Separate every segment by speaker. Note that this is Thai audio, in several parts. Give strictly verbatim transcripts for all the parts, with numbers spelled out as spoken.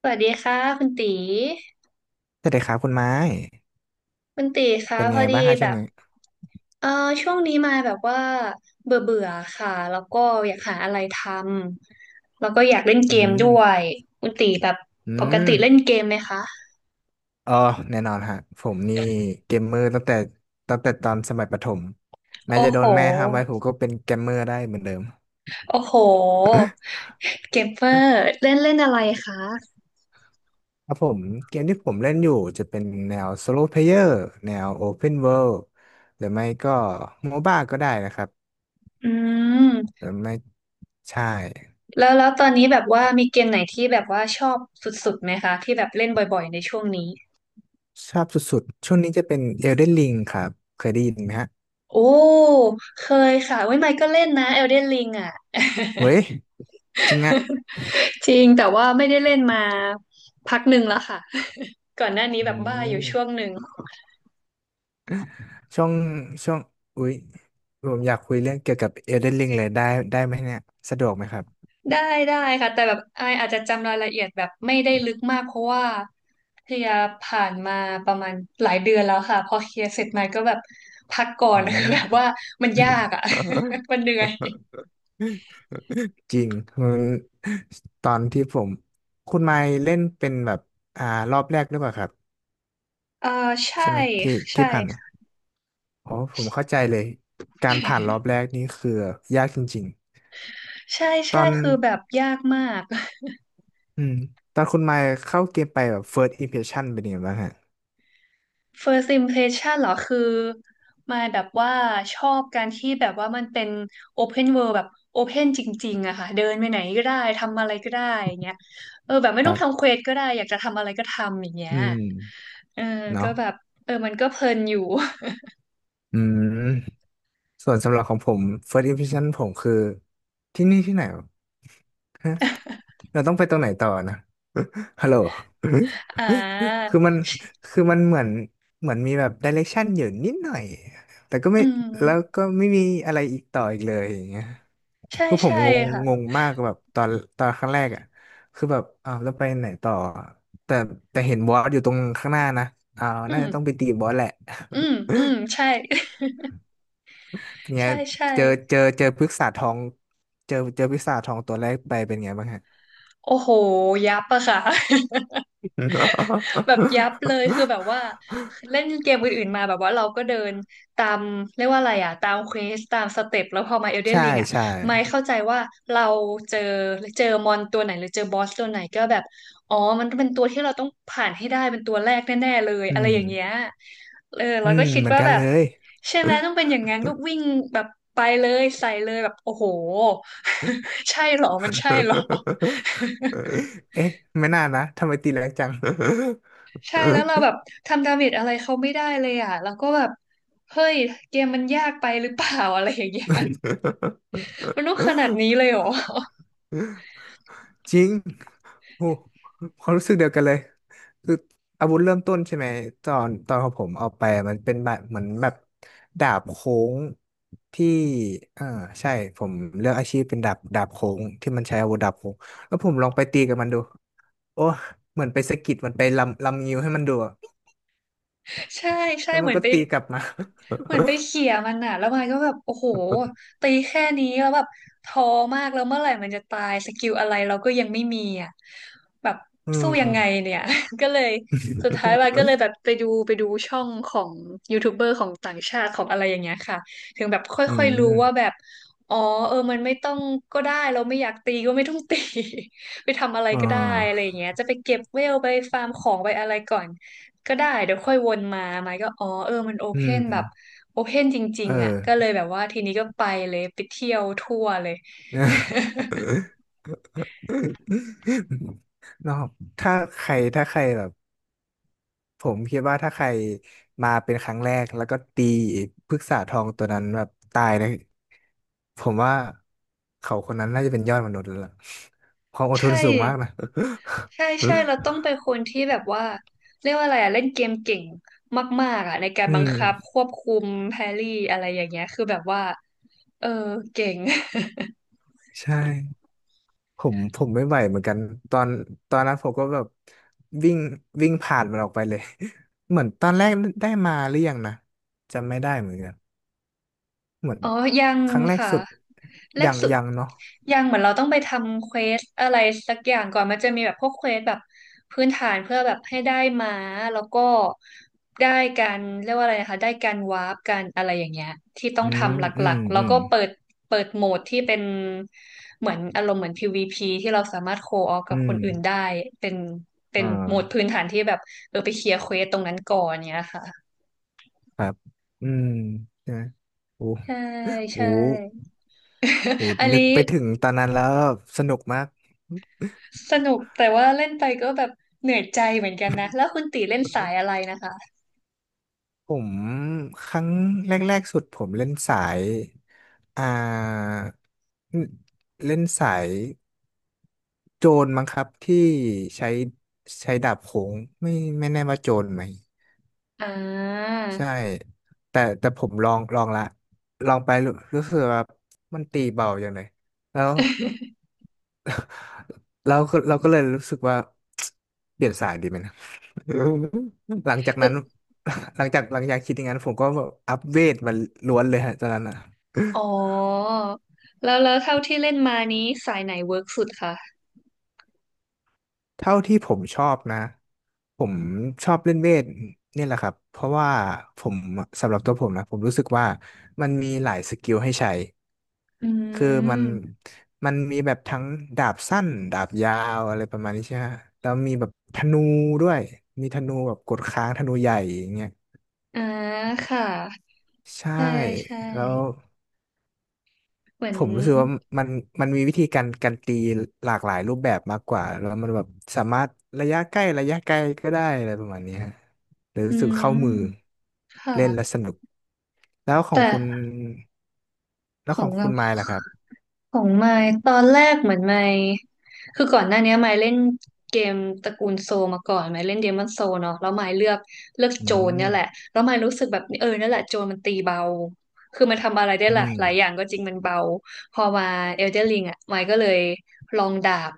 Speaker 1: สวัสดีค่ะคุณตี
Speaker 2: สวัสดีครับคุณไม้
Speaker 1: คุณตีคะ
Speaker 2: เป็น
Speaker 1: พ
Speaker 2: ไง
Speaker 1: อ
Speaker 2: บ้า
Speaker 1: ดี
Speaker 2: งฮะ
Speaker 1: แบ
Speaker 2: ช่วง
Speaker 1: บ
Speaker 2: นี้
Speaker 1: เออช่วงนี้มาแบบว่าเบื่อเบื่อค่ะแล้วก็อยากหาอะไรทำแล้วก็อยากเล่นเก
Speaker 2: อื
Speaker 1: มด้ว
Speaker 2: ม
Speaker 1: ยคุณตีแบบ
Speaker 2: อื
Speaker 1: ปก
Speaker 2: ม
Speaker 1: ติเล่นเกมไหมคะ
Speaker 2: เอ๋อแน่นอนฮะผมนี่เกมเมอร์ตั้งแต่ตั้งแต่ตอนสมัยประถมแม้
Speaker 1: โอ้
Speaker 2: จะโด
Speaker 1: โห
Speaker 2: นแม่ห้ามไว้ผมก็เป็นเกมเมอร์ได้เหมือนเดิม
Speaker 1: โอ้โห เกมเมอร์เล่นเล่นอะไรคะ
Speaker 2: ครับผมเกมที่ผมเล่นอยู่จะเป็นแนว s o โล p เพ y เ r อร์แนว Open World หรือไม่ก็โมบ้าก็ได้นะครับ
Speaker 1: อื
Speaker 2: ห
Speaker 1: ม
Speaker 2: รือไม่ใช่
Speaker 1: แล้วแล้วตอนนี้แบบว่ามีเกมไหนที่แบบว่าชอบสุดๆไหมคะที่แบบเล่นบ่อยๆในช่วงนี้
Speaker 2: ชอบสุดๆช่วงนี้จะเป็น Elden Ring ครับเคยได้ยินไหมฮะ
Speaker 1: โอ้เคยค่ะเว้ยไมค์ก็เล่นนะ Elden Ring อ่ะ
Speaker 2: เฮ้ยจริงอะ
Speaker 1: จริงแต่ว่าไม่ได้เล่นมาพักหนึ่งแล้วค่ะก่อนหน้านี้
Speaker 2: อื
Speaker 1: แบบบ้าอยู่ช่วง
Speaker 2: ม
Speaker 1: หนึ่ง
Speaker 2: ช่วงช่วงอุ๊ยผมอยากคุยเรื่องเกี่ยวกับ Elden Ring เลยได้ได้ไหมเนี่ยสะดวกไหมครับ
Speaker 1: ได้ได้ค่ะแต่แบบไอายอาจจะจำรายละเอียดแบบไม่ได้ลึกมากเพราะว่าเคลียร์ผ่านมาประมาณหลายเดือนแล้วค่ะพอเคลียร์เสร็จมาก็แบบพักก่อ
Speaker 2: อื
Speaker 1: น คือ
Speaker 2: ม
Speaker 1: แบบว่ามันยากอ่ะ มันเหนื่อย
Speaker 2: จริงมันตอนที่ผมคุณไมค์เล่นเป็นแบบอ่ารอบแรกหรือเปล่าครับ
Speaker 1: เออใช่
Speaker 2: ใช่ไหมที่
Speaker 1: ใช่
Speaker 2: ที่ผ่านมาอ๋อผมเข้าใจเลยการผ่านรอบแรกนี่คือยากจริง
Speaker 1: ใช่
Speaker 2: ๆต
Speaker 1: ใช่
Speaker 2: อน
Speaker 1: คือแบบยากมาก
Speaker 2: อืมตอนคุณไมค์เข้าเกมไปแบบ first impression เป็นยังไงบ้างฮะ
Speaker 1: First impression เหรอคือมายแบบว่าชอบการที่แบบว่ามันเป็น open world แบบ open จริงๆอะค่ะเดินไปไหนก็ได้ทำอะไรก็ได้อย่างเงี้ยเออแบบไม่ต้องทำเควสก็ได้อยากจะทำอะไรก็ทำอย่างเงี้
Speaker 2: อื
Speaker 1: ย
Speaker 2: ม
Speaker 1: เออก็
Speaker 2: เนาะ
Speaker 1: แบบเออมันก็เพลินอยู่
Speaker 2: อืม ส่วนสำหรับของผม first impression ผมคือที่นี่ที่ไหนวะฮะเราต้องไปตรงไหนต่อนะ ฮัลโหล
Speaker 1: อ่า
Speaker 2: คือมัน คือมันเหมือนเหมือนมีแบบ direction อยู่นิดหน่อย แต่ก็
Speaker 1: อื
Speaker 2: ไม่
Speaker 1: ม
Speaker 2: แล้วก็ไม่มีอะไรอีกต่ออีกเลยอย่างเงี้ย
Speaker 1: ใช่
Speaker 2: คือผม
Speaker 1: ใช่
Speaker 2: งง
Speaker 1: ค่ะ
Speaker 2: งงมากแบบตอนตอนครั้งแรกอ่ะคือแบบอ้าวแล้วไปไหนต่อ แต่แต่เห็นบอสอยู่ตรงข้างหน้านะอ้าว
Speaker 1: อื
Speaker 2: น่า
Speaker 1: ม
Speaker 2: จะต้องไปตีบอสแหละ
Speaker 1: อื มอืมใช่
Speaker 2: เนี่ย
Speaker 1: ใช่ใช่
Speaker 2: เจอเจอเจอพฤกษาทองเจอเจอพฤกษาทองตัวแรกไปเป็นไงบ้างฮะ
Speaker 1: โอ้โหยับอะค่ะ แบบยับเลยคือแบบว่าเล่นเกมอื่นๆมาแบบว่าเราก็เดินตามเรียกว่าอะไรอ่ะตามเควสตามสเต็ปแล้วพอมาเอลเดน
Speaker 2: ใช่
Speaker 1: ริงอ่ะ
Speaker 2: ใช่
Speaker 1: ไม่เข้าใจว่าเราเจอเจอมอนตัวไหนหรือเจอบอสตัวไหนก็แบบอ๋อมันเป็นตัวที่เราต้องผ่านให้ได้เป็นตัวแรกแน่ๆเลย
Speaker 2: อื
Speaker 1: อะไรอ
Speaker 2: ม
Speaker 1: ย่างเงี้ยเออ
Speaker 2: อื
Speaker 1: เราก็
Speaker 2: ม
Speaker 1: คิด
Speaker 2: เหมือน
Speaker 1: ว่า
Speaker 2: กัน
Speaker 1: แบบ
Speaker 2: เลย
Speaker 1: ใช่ไหมต้องเป็นอย่างนั้นก็วิ่งแบบไปเลยใส่เลยแบบโอ้โห ใช่เหรอมันใช่เหรอ
Speaker 2: เอ๊ะไม่น่านะทำไมตีแรงจัง
Speaker 1: ใช่แล้วเราแบบทำดาเมจอะไรเขาไม่ได้เลยอ่ะเราก็แบบเฮ้ยเกมมันยากไปหรือเปล่าอะไรอย่างเงี้ยมันต้องขนาดนี้เลยเหรอ
Speaker 2: จริงโอ้ความรู้สึกเดียวกันเลยคืออาวุธเริ่มต้นใช่ไหมตอนตอนของผมเอาไปมันเป็นแบบเหมือนแบบดาบโค้งที่อ่าใช่ผมเลือกอาชีพเป็นดาบดาบโค้งที่มันใช้อาวุธดาบโค้ง แล้วผมลองไปตีกับมันดู โอ้เหมือนไปสะกิดมันไปลำลำงิ้วให้มันดูอะ
Speaker 1: ใช่ใช่
Speaker 2: แล้ว
Speaker 1: เห
Speaker 2: มัน
Speaker 1: มือน
Speaker 2: ก็
Speaker 1: ไป
Speaker 2: ตีกลับมา
Speaker 1: เหมือนไปเขี่ยมันอ่ะแล้วมันก็แบบโอ้โหตีแค่นี้แล้วแบบท้อมากแล้วเมื่อไหร่มันจะตายสกิลอะไรเราก็ยังไม่มีอ่ะแบบ
Speaker 2: อื
Speaker 1: สู้ยังไง
Speaker 2: ม
Speaker 1: เนี่ย ก็เลยสุดท้ายวันก็เลยแบบไปดูไปดูช่องของยูทูบเบอร์ของต่างชาติของอะไรอย่างเงี้ยค่ะถึงแบบค
Speaker 2: อื
Speaker 1: ่อยๆรู้ว่าแบ
Speaker 2: ม
Speaker 1: บอ๋อเออมันไม่ต้องก็ได้เราไม่อยากตีก็ไม่ต้องตี ไปทำอะไร
Speaker 2: อ่
Speaker 1: ก็ได้อะไร
Speaker 2: า
Speaker 1: อย่างเงี้ยจะไปเก็บเวลไปฟาร์มของไปอะไรก่อน ก็ได้เดี๋ยวค่อยวนมาไม้ก็อ๋อเออมันโอ
Speaker 2: อื
Speaker 1: เพนแบบ
Speaker 2: ม
Speaker 1: โอเพนจริง
Speaker 2: เอ
Speaker 1: ๆอ่ะก็เล
Speaker 2: อ
Speaker 1: ยแบบว่าทีนี้ก็ไปเลยไปเที่ยวทั่วเลย
Speaker 2: นอกถ้าใครถ้าใครแบบผมคิดว่าถ้าใครมาเป็นครั้งแรกแล้วก็ตีพฤกษาทองตัวนั้นแบบตายนะผมว่าเขาคนนั้นน่าจะเป็นยอดมนุษย์แล้วล่ะความอดทน
Speaker 1: ใช่
Speaker 2: สูงมากนะ
Speaker 1: ใช่ใช่เราต้องเป็ นคนที่แบบว่าเรียกว่าอะไรอ่ะเล่นเกมเก่งมากๆอ่ะในการ
Speaker 2: อื
Speaker 1: บัง
Speaker 2: ม
Speaker 1: คับควบคุมแพรี่อะไรอย่างเงี้ยคือแบบว่าเออเก่ง
Speaker 2: ใช่ผมผมไม่ไหวเหมือนกันตอนตอนนั้นผมก็แบบวิ่งวิ่งผ่านมันออกไปเลย เหมือนตอนแรกได้มาหรือยังนะจำไม่ได้เหมือนกัน เหมือน
Speaker 1: อ๋อยัง
Speaker 2: ครั้งแรก
Speaker 1: ค่ะ
Speaker 2: สุด
Speaker 1: แร
Speaker 2: ยั
Speaker 1: ก
Speaker 2: ง
Speaker 1: สุด
Speaker 2: ยังเนาะ
Speaker 1: ยังเหมือนเราต้องไปทำเควสอะไรสักอย่างก่อนมันจะมีแบบพวกเควสแบบพื้นฐานเพื่อแบบให้ได้ม้าแล้วก็ได้การเรียกว่าอะไรนะคะได้การวาร์ปการอะไรอย่างเงี้ยที่ต้อ
Speaker 2: อื
Speaker 1: ง
Speaker 2: ม
Speaker 1: ทำห
Speaker 2: อื
Speaker 1: ลั
Speaker 2: ม
Speaker 1: กๆแล้
Speaker 2: อื
Speaker 1: ว
Speaker 2: ม
Speaker 1: ก็เปิดเปิดโหมดที่เป็นเหมือนอารมณ์เหมือน พี วี พี ที่เราสามารถโคออกับ
Speaker 2: อื
Speaker 1: ค
Speaker 2: ม
Speaker 1: นอื่นได้เป็นเป็
Speaker 2: อ่
Speaker 1: นโหมด
Speaker 2: า
Speaker 1: พื้นฐานที่แบบเออไปเคลียร์เควสตรงนั้นก่อนเนี้ยค่ะ
Speaker 2: ครับอืมนะโอ้โห
Speaker 1: ใช่
Speaker 2: โอ้
Speaker 1: ใช่
Speaker 2: โห
Speaker 1: อัน
Speaker 2: นึ
Speaker 1: นี้
Speaker 2: กไปถึงตอนนั้นแล้วสนุกมาก
Speaker 1: สนุกแต่ว่าเล่นไปก็แบบเหนื่อยใจเหมือนกันนะแล้วคุณตีเล่นสายอะไรนะคะ
Speaker 2: ผมครั้งแรกๆสุดผมเล่นสายอ่าเล่นเล่นสายโจรมั้งครับที่ใช้ใช้ดาบโขงไม่ไม่แน่ว่าโจรไหม
Speaker 1: อ่า
Speaker 2: ใช่แต่แต่ผมลองลองละลองไปรู้รู้สึกว่ามันตีเบาอย่างเลยแล้วแล้วก็เราก็เลยรู้สึกว่า เปลี่ยนสายดีไหมนะ หลังจากนั้น หลังจากหลังจากคิดอย่างนั้นผมก็แบบอัพเวทมาล้วนเลยฮะตอนนั้นอ่ะ
Speaker 1: อ๋อแล้วแล้วเท่าที่เล่นมานี้สายไหนเวิร์กสุดคะ
Speaker 2: เท่าที่ผมชอบนะผมชอบเล่นเวทนี่แหละครับเพราะว่าผมสำหรับตัวผมนะผมรู้สึกว่ามันมีหลายสกิลให้ใช้
Speaker 1: อื
Speaker 2: คือมัน
Speaker 1: ม
Speaker 2: มันมีแบบทั้งดาบสั้นดาบยาวอะไรประมาณนี้ใช่ไหมฮะแล้วมีแบบธนูด้วยมีธนูแบบกดค้างธนูใหญ่อย่างเงี้ย
Speaker 1: อ่าค่ะ
Speaker 2: ใช่
Speaker 1: ใช่ใช่
Speaker 2: แล้ว
Speaker 1: เหมือ
Speaker 2: ผ
Speaker 1: น
Speaker 2: มรู้สึกว่ามันมันมีวิธีการการตีหลากหลายรูปแบบมากกว่าแล้วมันแบบสามารถระยะใกล้ระยะไกลก็ได้อะไรประมาณนี้ฮะเลย
Speaker 1: อื
Speaker 2: รู้สึกเข้ามือ
Speaker 1: มค่ะ
Speaker 2: เล่นแล้วสนุกแล้วขอ
Speaker 1: แต่
Speaker 2: งคุณแล้
Speaker 1: ข
Speaker 2: วข
Speaker 1: อง
Speaker 2: อง
Speaker 1: เรา
Speaker 2: คุณไมล์ล่ะครับ
Speaker 1: ของไมค์ตอนแรกเหมือนไมค์คือก่อนหน้านี้ไมค์เล่นเกมตระกูลโซลมาก่อนไมค์เล่นเดมอนโซเนาะแล้วไมค์เลือกเลือก
Speaker 2: อื
Speaker 1: โจร
Speaker 2: ม
Speaker 1: เนี่ยแหละแล้วไมค์รู้สึกแบบเออนั่นแหละโจรมันตีเบาคือมันทำอะไรได้
Speaker 2: อื
Speaker 1: หลาย
Speaker 2: ม
Speaker 1: หลายอย่างก็จริงมันเบาพอมาเอลเดนริงอ่ะไมค์ก็เลยลองดาบ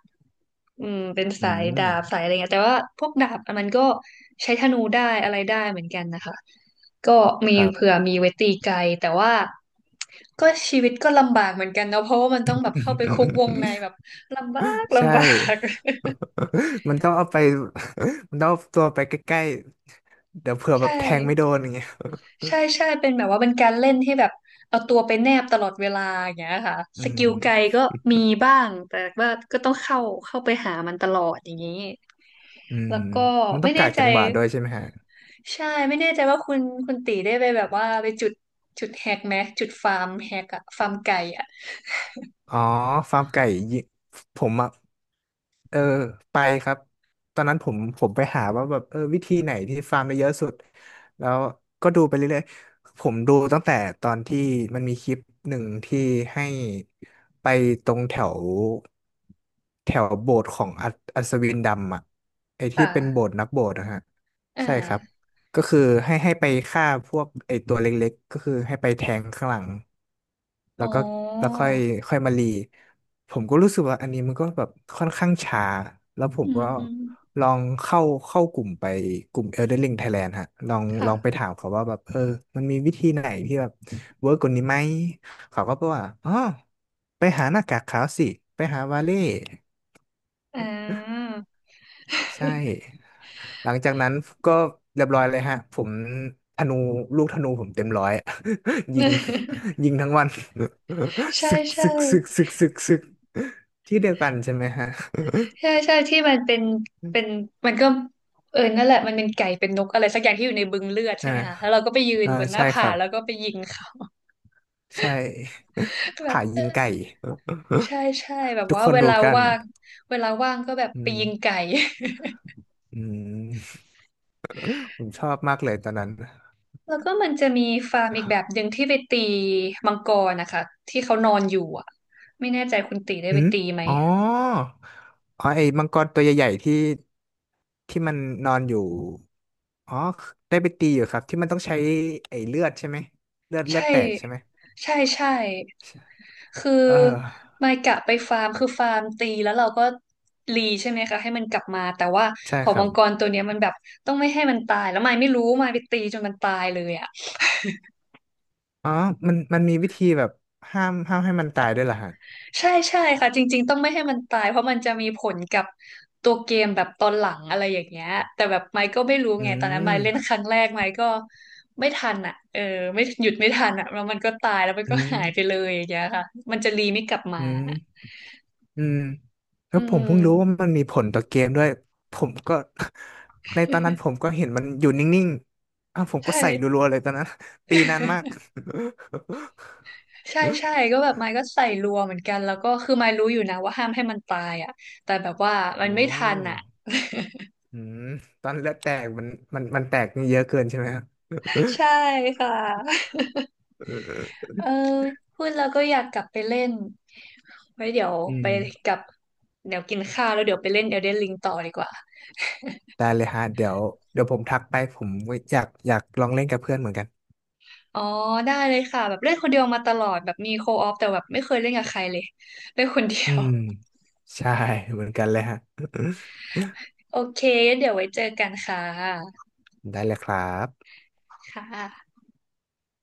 Speaker 1: อืมเป็น
Speaker 2: อื
Speaker 1: สาย
Speaker 2: ม
Speaker 1: ดาบสายอะไรเงี้ยแต่ว่าพวกดาบมันก็ใช้ธนูได้อะไรได้เหมือนกันนะคะก็มี
Speaker 2: ครั
Speaker 1: เผื่อ
Speaker 2: บ
Speaker 1: มีไว้ตีไกลแต่ว่า ก็ชีวิตก็ลำบากเหมือนกันเนาะเพราะว่ามันต้องแบบ
Speaker 2: อ
Speaker 1: เข้าไปคุกวง
Speaker 2: ื
Speaker 1: ใน
Speaker 2: ม
Speaker 1: แบบลำบาก
Speaker 2: ใช่
Speaker 1: ลำบาก
Speaker 2: มันต้องเอาไป มันต้องเอาตัวไปใกล้ๆ เดี๋ยวเผื่อ แบ
Speaker 1: ใช่
Speaker 2: บแทงไม่โดนอย่างเงี้ย
Speaker 1: ใช่ใช่เป็นแบบว่าเป็นการเล่นที่แบบเอาตัวไปแนบตลอดเวลาอย่างเงี้ยค่ะ
Speaker 2: อื
Speaker 1: สกิลไกล
Speaker 2: ม
Speaker 1: ก็มีบ้างแต่ว่าก็ต้องเข้าเข้าไปหามันตลอดอย่างนี้
Speaker 2: อืม
Speaker 1: แล้วก็
Speaker 2: มันต้
Speaker 1: ไม่
Speaker 2: อง
Speaker 1: แน่
Speaker 2: กาก
Speaker 1: ใจ
Speaker 2: จังหวะด้วยใช่ไหมฮะ
Speaker 1: ใช่ไม่แน่ใจว่าคุณคุณตีได้ไปแบบว่าไปจุดจุดแฮกไหมจุดฟาร์มแฮกอะฟาร์มไก่อะ
Speaker 2: อ๋อฟาร์มไก่ยิผมอ่ะเออไปครับตอนนั้นผมผมไปหาว่าแบบเออวิธีไหนที่ฟาร์มได้เยอะสุดแล้วก็ดูไปเรื่อยๆผมดูตั้งแต่ตอนที่มันมีคลิปหนึ่งที่ให้ไปตรงแถวแถวโบสถ์ของอัศอัศวินดำอ่ะไอ้ที่เป็นโบ
Speaker 1: ค่ะ
Speaker 2: สถ์นักโบสถ์นะฮะ
Speaker 1: อ่
Speaker 2: ใช่ครับ
Speaker 1: า
Speaker 2: ก็คือให้ให้ไปฆ่าพวกไอตัวเล็กๆก็คือให้ไปแทงข้างหลัง แล้
Speaker 1: อ๋อ
Speaker 2: วก็แล้วค่อยค่อยมารีผมก็รู้สึกว่าอันนี้มันก็แบบค่อนข้างช้าแล้วผ
Speaker 1: อื
Speaker 2: ม
Speaker 1: ม
Speaker 2: ก็
Speaker 1: อืม
Speaker 2: ลองเข้าเข้ากลุ่มไปกลุ่ม Elden Ring Thailand ฮะลองลองไป
Speaker 1: ค่ะ
Speaker 2: ถามเขาว่าแบบเออมันมีวิธีไหนที่แบบเวิร์กกว่านี้ไหมเขาก็บอกว่าอ๋อไปหาหน้ากากขาวสิไปหาวาเล่
Speaker 1: อ่า
Speaker 2: ใช่ หลังจากนั้นก็เรียบร้อยเลยฮะ ผมธนูลูกธนูผมเต็มร้อย ยิง ยิงทั้งวัน
Speaker 1: ใช่
Speaker 2: ซึก
Speaker 1: ใช่
Speaker 2: ซึกซึกซึกซึกซึกที่เดียวกันใช่ไหมฮะ
Speaker 1: ใช่ใช่ที่มันเป็นเป็น มันก็เออนั่นแหละมันเป็นไก่เป็นนกอะไรสักอย่างที่อยู่ในบึงเลือด
Speaker 2: ใช่
Speaker 1: ใช่ไห
Speaker 2: ไห
Speaker 1: ม
Speaker 2: ม
Speaker 1: คะแล้วเราก็ไปยืน
Speaker 2: อ่า
Speaker 1: บนหน้า
Speaker 2: ใช่ค
Speaker 1: ผา
Speaker 2: รับ
Speaker 1: แล้วก็ไปยิงเขา
Speaker 2: ใช่
Speaker 1: แบบ
Speaker 2: ผ่ายิงไก่
Speaker 1: ใช่ใช่แบบ
Speaker 2: ทุก
Speaker 1: ว่า
Speaker 2: คน
Speaker 1: เวลา
Speaker 2: รู้กัน
Speaker 1: ว่างเวลาว่างก็แบบ
Speaker 2: อื
Speaker 1: ไป
Speaker 2: ม
Speaker 1: ยิงไก่
Speaker 2: อืมผมชอบมากเลยตอนนั้น
Speaker 1: แล้วก็มันจะมีฟาร์มอีกแบบหนึ่งที่ไปตีมังกรนะคะที่เขานอนอยู่อ่ะไม่แน่ใจคุณตีได้
Speaker 2: อื
Speaker 1: ไป
Speaker 2: ม
Speaker 1: ตีไหม
Speaker 2: อ๋ออ๋อไอ้มังกรตัวใหญ่ๆที่ที่มันนอนอยู่ อ๋อ ได้ไปตีอยู่ครับที่มันต้องใช้ไอ้เลือดใช่ไหมเลือดเลือ
Speaker 1: ใช่
Speaker 2: ดแตกใช่ไหม
Speaker 1: ใช่ใช่
Speaker 2: ใช่
Speaker 1: คือ
Speaker 2: เออ
Speaker 1: ไมายกะไปฟาร์มคือฟาร์มตีแล้วเราก็รีใช่ไหมคะให้มันกลับมาแต่ว่า
Speaker 2: ใช่
Speaker 1: ขอ
Speaker 2: ค
Speaker 1: ง
Speaker 2: รั
Speaker 1: มั
Speaker 2: บ
Speaker 1: งกรตัวเนี้ยมันแบบต้องไม่ให้มันตายแล้วไมายไม่รู้ไมายไปตีจนมันตายเลยอ่ะ
Speaker 2: อ๋อมันมันมีวิธีแบบห้ามห้ามให้มันตายด้วยเหรอฮะ
Speaker 1: ใช่ใช่ค่ะจริงๆต้องไม่ให้มันตายเพราะมันจะมีผลกับตัวเกมแบบตอนหลังอะไรอย่างเงี้ยแต่แบบไมค์ก็ไม่รู้
Speaker 2: อื
Speaker 1: ไงตอนนั้นไม
Speaker 2: ม
Speaker 1: ค์เล่นครั้งแรกไมค์ก็ไม่ทันอ่ะเออไม่หยุดไม่ทันอ่ะแล้วมันก็ตายแล้วมัน
Speaker 2: อื
Speaker 1: ก็
Speaker 2: ม
Speaker 1: หายไปเลยอย่างเงี้ยค่ะมันจะรีไม่กลับมา
Speaker 2: อืมอืมแล้
Speaker 1: อื
Speaker 2: วผมเพิ่งรู้ว่า
Speaker 1: ม
Speaker 2: มันมีผลต่อเกมด้วยผมก็ ในตอนนั้นผมก็เห็นมันอยู่นิ่งๆอ้าวผมก็
Speaker 1: ใช่
Speaker 2: ใส่รัวๆเลยตอนนั้น ตีนานมาก
Speaker 1: ใช่ใช่ก็แบบไม้ก็ใส่รัวเหมือนกันแล้วก็คือไม้รู้อยู่นะว่าห้ามให้มันตายอ่ะแต่แบบว่า มั
Speaker 2: อื
Speaker 1: นไม่ทัน
Speaker 2: ม
Speaker 1: อ่ะ
Speaker 2: อืมตอนเลือดแตกมันมันมันแตกนี่เยอะเกินใช่ไหมครับ
Speaker 1: ใช่ค่ะ เออพูดแล้วก็อยากกลับไปเล่นไว้เดี๋ยว
Speaker 2: อื
Speaker 1: ไป
Speaker 2: ม
Speaker 1: กลับเดี๋ยวกินข้าวแล้วเดี๋ยวไปเล่น Elden Ring ต่อดีกว่า
Speaker 2: ได้เลยฮะเดี๋ยวเดี๋ยวผมทักไปผมอยากอยากลองเล่นกับเพื่อนเหมือนกัน
Speaker 1: อ๋อได้เลยค่ะแบบเล่นคนเดียวมาตลอดแบบมีโคออฟแต่แบบไม่เคยเล่นกับใครเลยเล่นคนเดีย
Speaker 2: อื
Speaker 1: ว
Speaker 2: มใช่เหมือนกันเลยฮะ
Speaker 1: โอเคงั้นเดี๋ยวไว้เจอกันค่ะ
Speaker 2: ได้เลยครับ
Speaker 1: ค่ะ